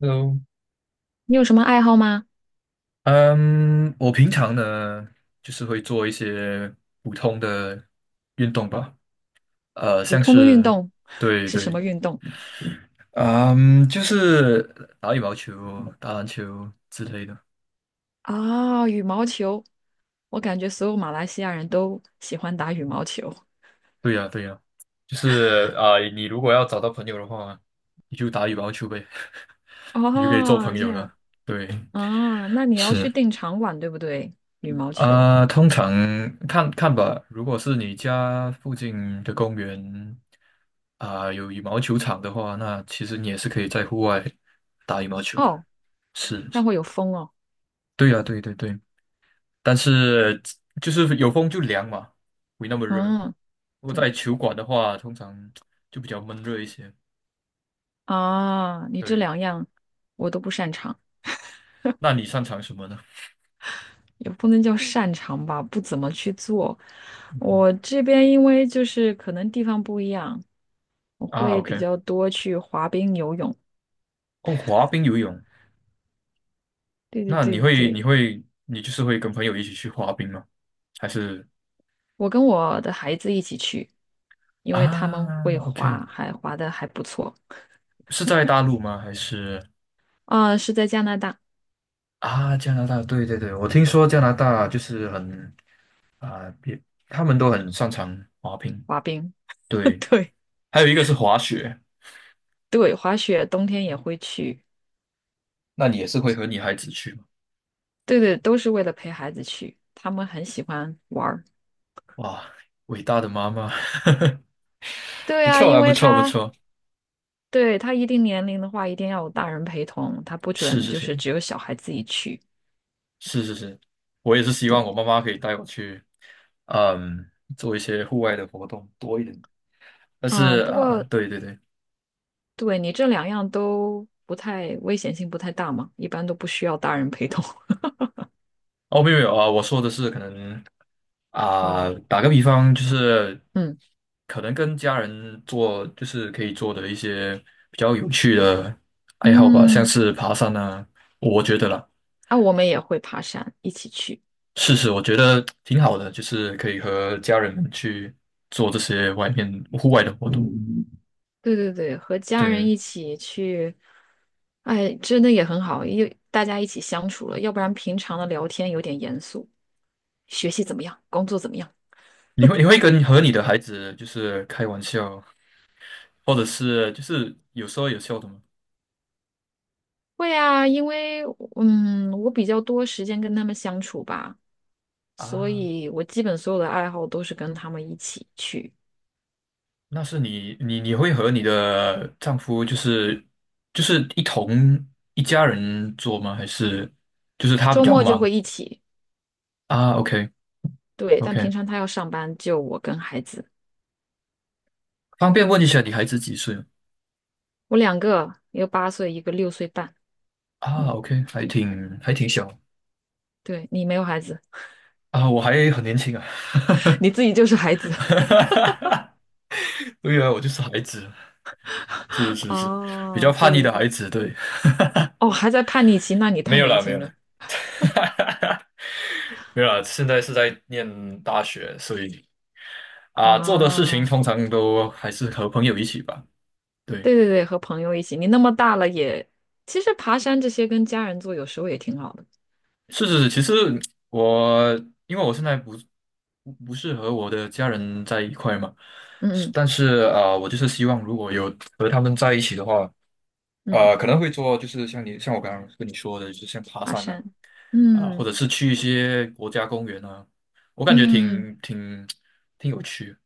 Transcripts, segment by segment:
Hello，你有什么爱好吗？嗯，我平常呢，就是会做一些普通的运动吧，普像通的运是，动 对是什对，么运动？嗯，就是打羽毛球、打篮球之类的。啊、羽毛球。我感觉所有马来西亚人都喜欢打羽毛球。对呀，对呀，就是啊，你如果要找到朋友的话，你就打羽毛球呗，你就可以做哦，朋这友样了。对，啊，那你要去是。订场馆，对不对？羽毛球啊，通常看看吧。如果是你家附近的公园啊，有羽毛球场的话，那其实你也是可以在户外打羽毛球的。哦，是，是那会有风哦。对呀，对对对。但是就是有风就凉嘛，没那么热。嗯，如果在对球馆的话，通常就比较闷热一些。啊，你这对，两样我都不擅长，那你擅长什么呢？也不能叫擅长吧，不怎么去做。嗯我这边因为就是可能地方不一样，我啊会比，OK，较多去滑冰、游泳。哦，滑冰、游泳。对对那对对对，你就是会跟朋友一起去滑冰吗？还是？我跟我的孩子一起去，因为他们啊会，OK，滑，还滑的还不错是在大陆吗？还是啊，是在加拿大啊，加拿大？对对对，我听说加拿大就是很啊，别他们都很擅长滑冰。滑冰，对，对还有一个是滑雪，对，滑雪冬天也会去，那你也是会和女孩子去吗？对对，都是为了陪孩子去，他们很喜欢玩儿。哇，伟大的妈妈，对不啊，错因啊，不为错不他错，对他一定年龄的话，一定要有大人陪同，他不是准是就是是只有小孩自己去。是是是，我也是希对，望我妈妈可以带我去，嗯，做一些户外的活动多一点。但是嗯，不啊，过对对对，对你这两样都不太危险性不太大嘛，一般都不需要大人陪同。哦，没有没有啊，我说的是可能 啊、哦。打个比方，就是嗯。可能跟家人做，就是可以做的一些比较有趣的爱好吧，像嗯，是爬山啊，我觉得啦，啊，我们也会爬山，一起去。是是，我觉得挺好的，就是可以和家人们去做这些外面户外的活动。对对对，和家人对，一起去，哎，真的也很好，因为大家一起相处了，要不然平常的聊天有点严肃。学习怎么样？工作怎么样？你会跟和你的孩子就是开玩笑，或者是就是有说有笑的吗？会啊，因为嗯，我比较多时间跟他们相处吧，所啊以我基本所有的爱好都是跟他们一起去，那是你会和你的丈夫就是一同一家人做吗？还是就是他比周较末就忙会一起。啊？OK 对，但平 OK，常他要上班，就我跟孩子，方便问一下你孩子几岁吗？我两个，一个8岁，一个6岁半。啊嗯。？OK，还挺小对你没有孩子，啊，我还很年轻啊，你自己就是孩子。哈对啊，我就是孩子，是 是是，比较哦，叛对逆对的对，孩子，对，哦，还在叛逆期，那 你没太有年啦没轻有了啦，没有啦，现在是在念大学，所以啊，做的事情啊！通常都还是和朋友一起吧。对。对对对，和朋友一起，你那么大了也，其实爬山这些跟家人做有时候也挺好的。是是是，其实我因为我现在不是和我的家人在一块嘛，嗯是嗯但是啊，我就是希望如果有和他们在一起的话，嗯，可能会做就是像我刚刚跟你说的，就是像爬爬山啊山，啊、或嗯者是去一些国家公园啊，我感觉嗯，挺有趣的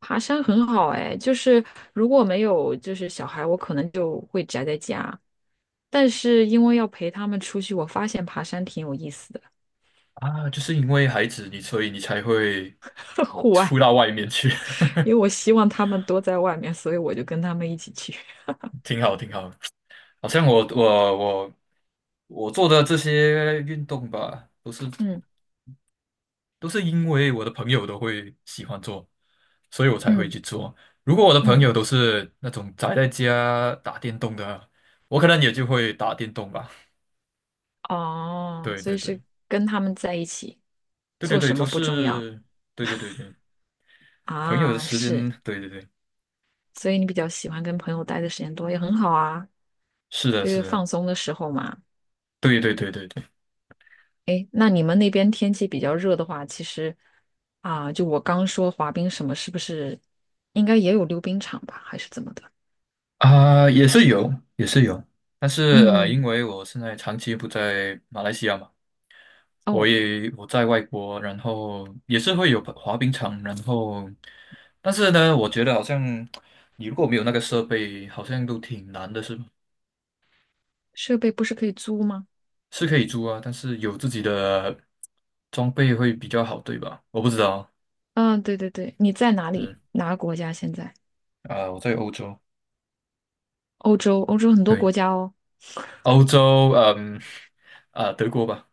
爬山很好哎，就是如果没有就是小孩，我可能就会宅在家。但是因为要陪他们出去，我发现爬山挺有意思的，啊，就是因为孩子所以你才会 户外，出到外面去，因为我希望他们多在外面，所以我就跟他们一起去。挺好挺好好像我做的这些运动吧，都是嗯都是因为我的朋友都会喜欢做，所以我才会嗯去做。如果我的朋嗯，友都是那种宅在家打电动的，我可能也就会打电动吧。哦，对所对以是对，跟他们在一起，对对做对，什都么不重要是，对对对对，朋友的啊，时是，间，对对对，所以你比较喜欢跟朋友待的时间多，也很好啊，是的，这是个的，放松的时候嘛。对对对对对，诶，那你们那边天气比较热的话，其实啊，就我刚说滑冰什么，是不是应该也有溜冰场吧，还是怎么的？啊、也是有，也是有，但是嗯，因为我现在长期不在马来西亚嘛。哦，我在外国，然后也是会有滑冰场，然后，但是呢，我觉得好像你如果没有那个设备，好像都挺难的，是吧？设备不是可以租吗？是可以租啊，但是有自己的装备会比较好，对吧？我不知道，嗯，对对对，你在哪里？嗯哪个国家现在？啊、我在欧洲，欧洲，欧洲很多对，国家哦。欧洲，啊、德国吧，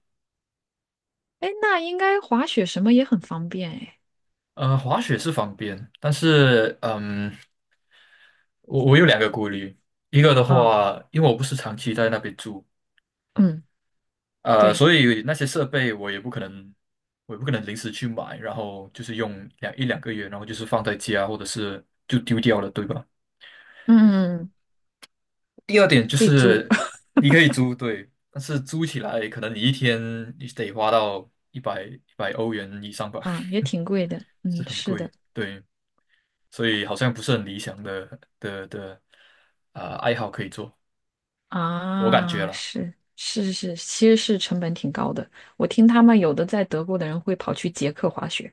哎，那应该滑雪什么也很方便哎。滑雪是方便，但是我有两个顾虑，一个的嗯话，因为我不是长期在那边住。嗯，对，所以那些设备我也不可能，临时去买，然后就是用一两个月，然后就是放在家或者是就丢掉了，对吧？嗯嗯嗯，第二点就可以租，是 你可以租，对，但是租起来可能你一天你得花到100欧元以上吧，嗯，也挺贵的。是嗯，很是贵，的，对，所以好像不是很理想的啊、爱好可以做，我感觉啊，了。是是是，其实是成本挺高的。我听他们有的在德国的人会跑去捷克滑雪，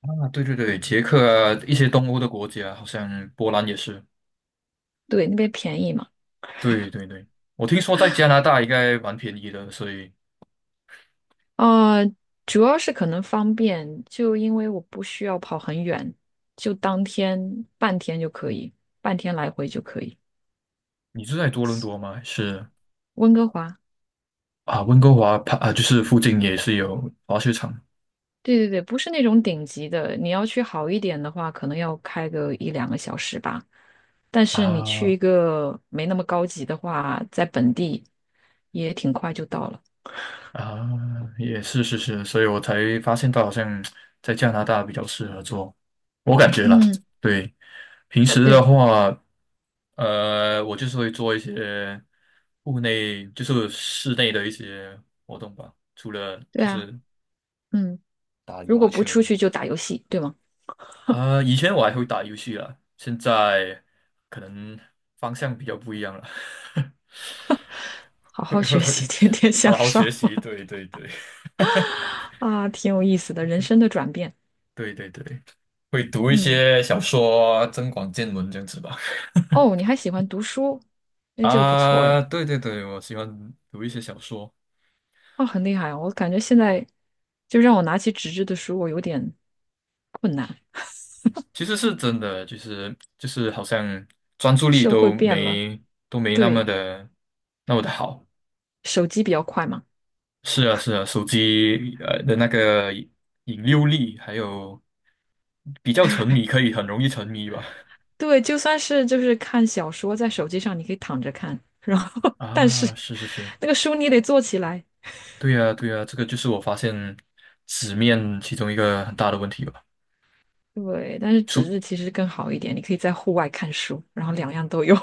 啊，对对对，捷克啊，一些东欧的国家，好像波兰也是。对，那边便宜嘛。对对对，我听说在加拿大应该蛮便宜的，所以呃，主要是可能方便，就因为我不需要跑很远，就当天半天就可以，半天来回就可以。你是在多伦多吗？还是温哥华，啊，温哥华旁啊，就是附近也是有滑雪场对对对，不是那种顶级的，你要去好一点的话，可能要开个一两个小时吧。但是你去啊一个没那么高级的话，在本地也挺快就到了。啊，也是是是，所以我才发现到好像在加拿大比较适合做，我感觉了。嗯，对，平时的对话，我就是会做一些户内，就是室内的一些活动吧，除了对就啊，是嗯，打羽如果毛不球。出去就打游戏，对吗？以前我还会打游戏啦，现在可能方向比较不一样了，好会好会学习，会天天向好好学上 习，对对对 啊，挺有意思的，人生的转变。对对对，会读一嗯，些小说，增广见闻这样子吧。哦，你还喜欢读书，哎，这个不错啊，哎，对对对，我喜欢读一些小说，哦，很厉害，啊！我感觉现在就让我拿起纸质的书，我有点困难。其实是真的，就是好像专注力社会都变了，没都没那么对，的那么的好。手机比较快嘛，是啊，是啊，手机的那个引诱力，还有比较沉迷，可以很容易沉迷吧？对，就算是就是看小说，在手机上你可以躺着看，然后 但是啊，是是是，那个书你得坐起来，对呀，对呀，这个就是我发现纸面其中一个很大的问题吧。对，但是纸出，质其实更好一点，你可以在户外看书，然后两样都有，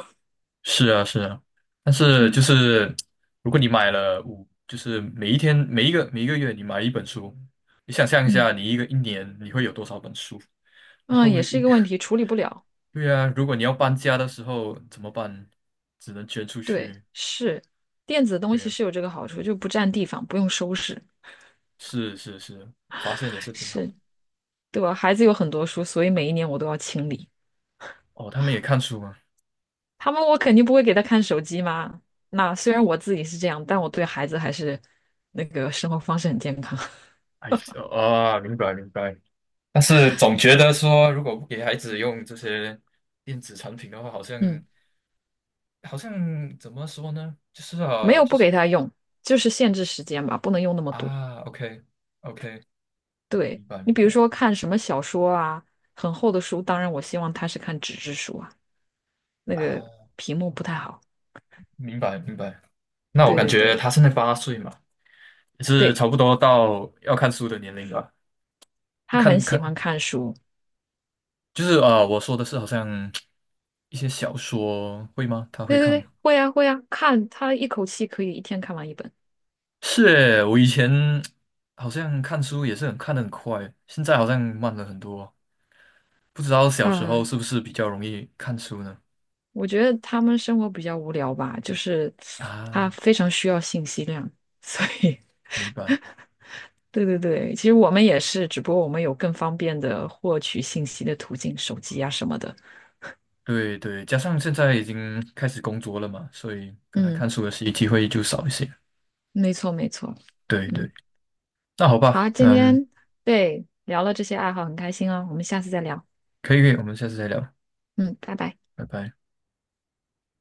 是啊，是啊，但是就 是如果你买了就是每一天每一个月你买一本书，你想象一嗯下，你一年你会有多少本书？然嗯，后也是一个问题，处理不了，对啊，如果你要搬家的时候怎么办？只能捐出对，去，是电子东对西呀、是有这个好处，就不占地方，不用收拾，是是是，发现也是挺好是的。对吧？孩子有很多书，所以每一年我都要清理。哦，他们也看书吗？他们我肯定不会给他看手机嘛。那虽然我自己是这样，但我对孩子还是那个生活方式很健康。哎啊，明白明白。但是总觉得说，如果不给孩子用这些电子产品的话，好 像嗯，好像怎么说呢？就是没啊，有就不是给他用，就是限制时间吧，不能用那么多。啊，OK OK，对，明白你明比如白说看什么小说啊，很厚的书，当然我希望他是看纸质书啊，那个啊，屏幕不太好。明白明白。那我对感对觉对他现在8岁嘛，也是对，差不多到要看书的年龄了。他看很喜欢看，看书。就是啊，我说的是好像一些小说会吗？他会对对看对，吗？会啊会啊，看他一口气可以一天看完一本。是诶，我以前好像看书也是很看的很快，现在好像慢了很多。不知道小时候啊。是不是比较容易看书呢？我觉得他们生活比较无聊吧，就是他啊，非常需要信息量，所以 明白。对对对，其实我们也是，只不过我们有更方便的获取信息的途径，手机啊什么的。对对，加上现在已经开始工作了嘛，所以可能嗯，看书的时机会就少一些。没错没错。对对，嗯，那好吧，好，今天对聊了这些爱好，很开心哦，我们下次再聊。可以，我们下次再聊，嗯，拜拜。拜拜。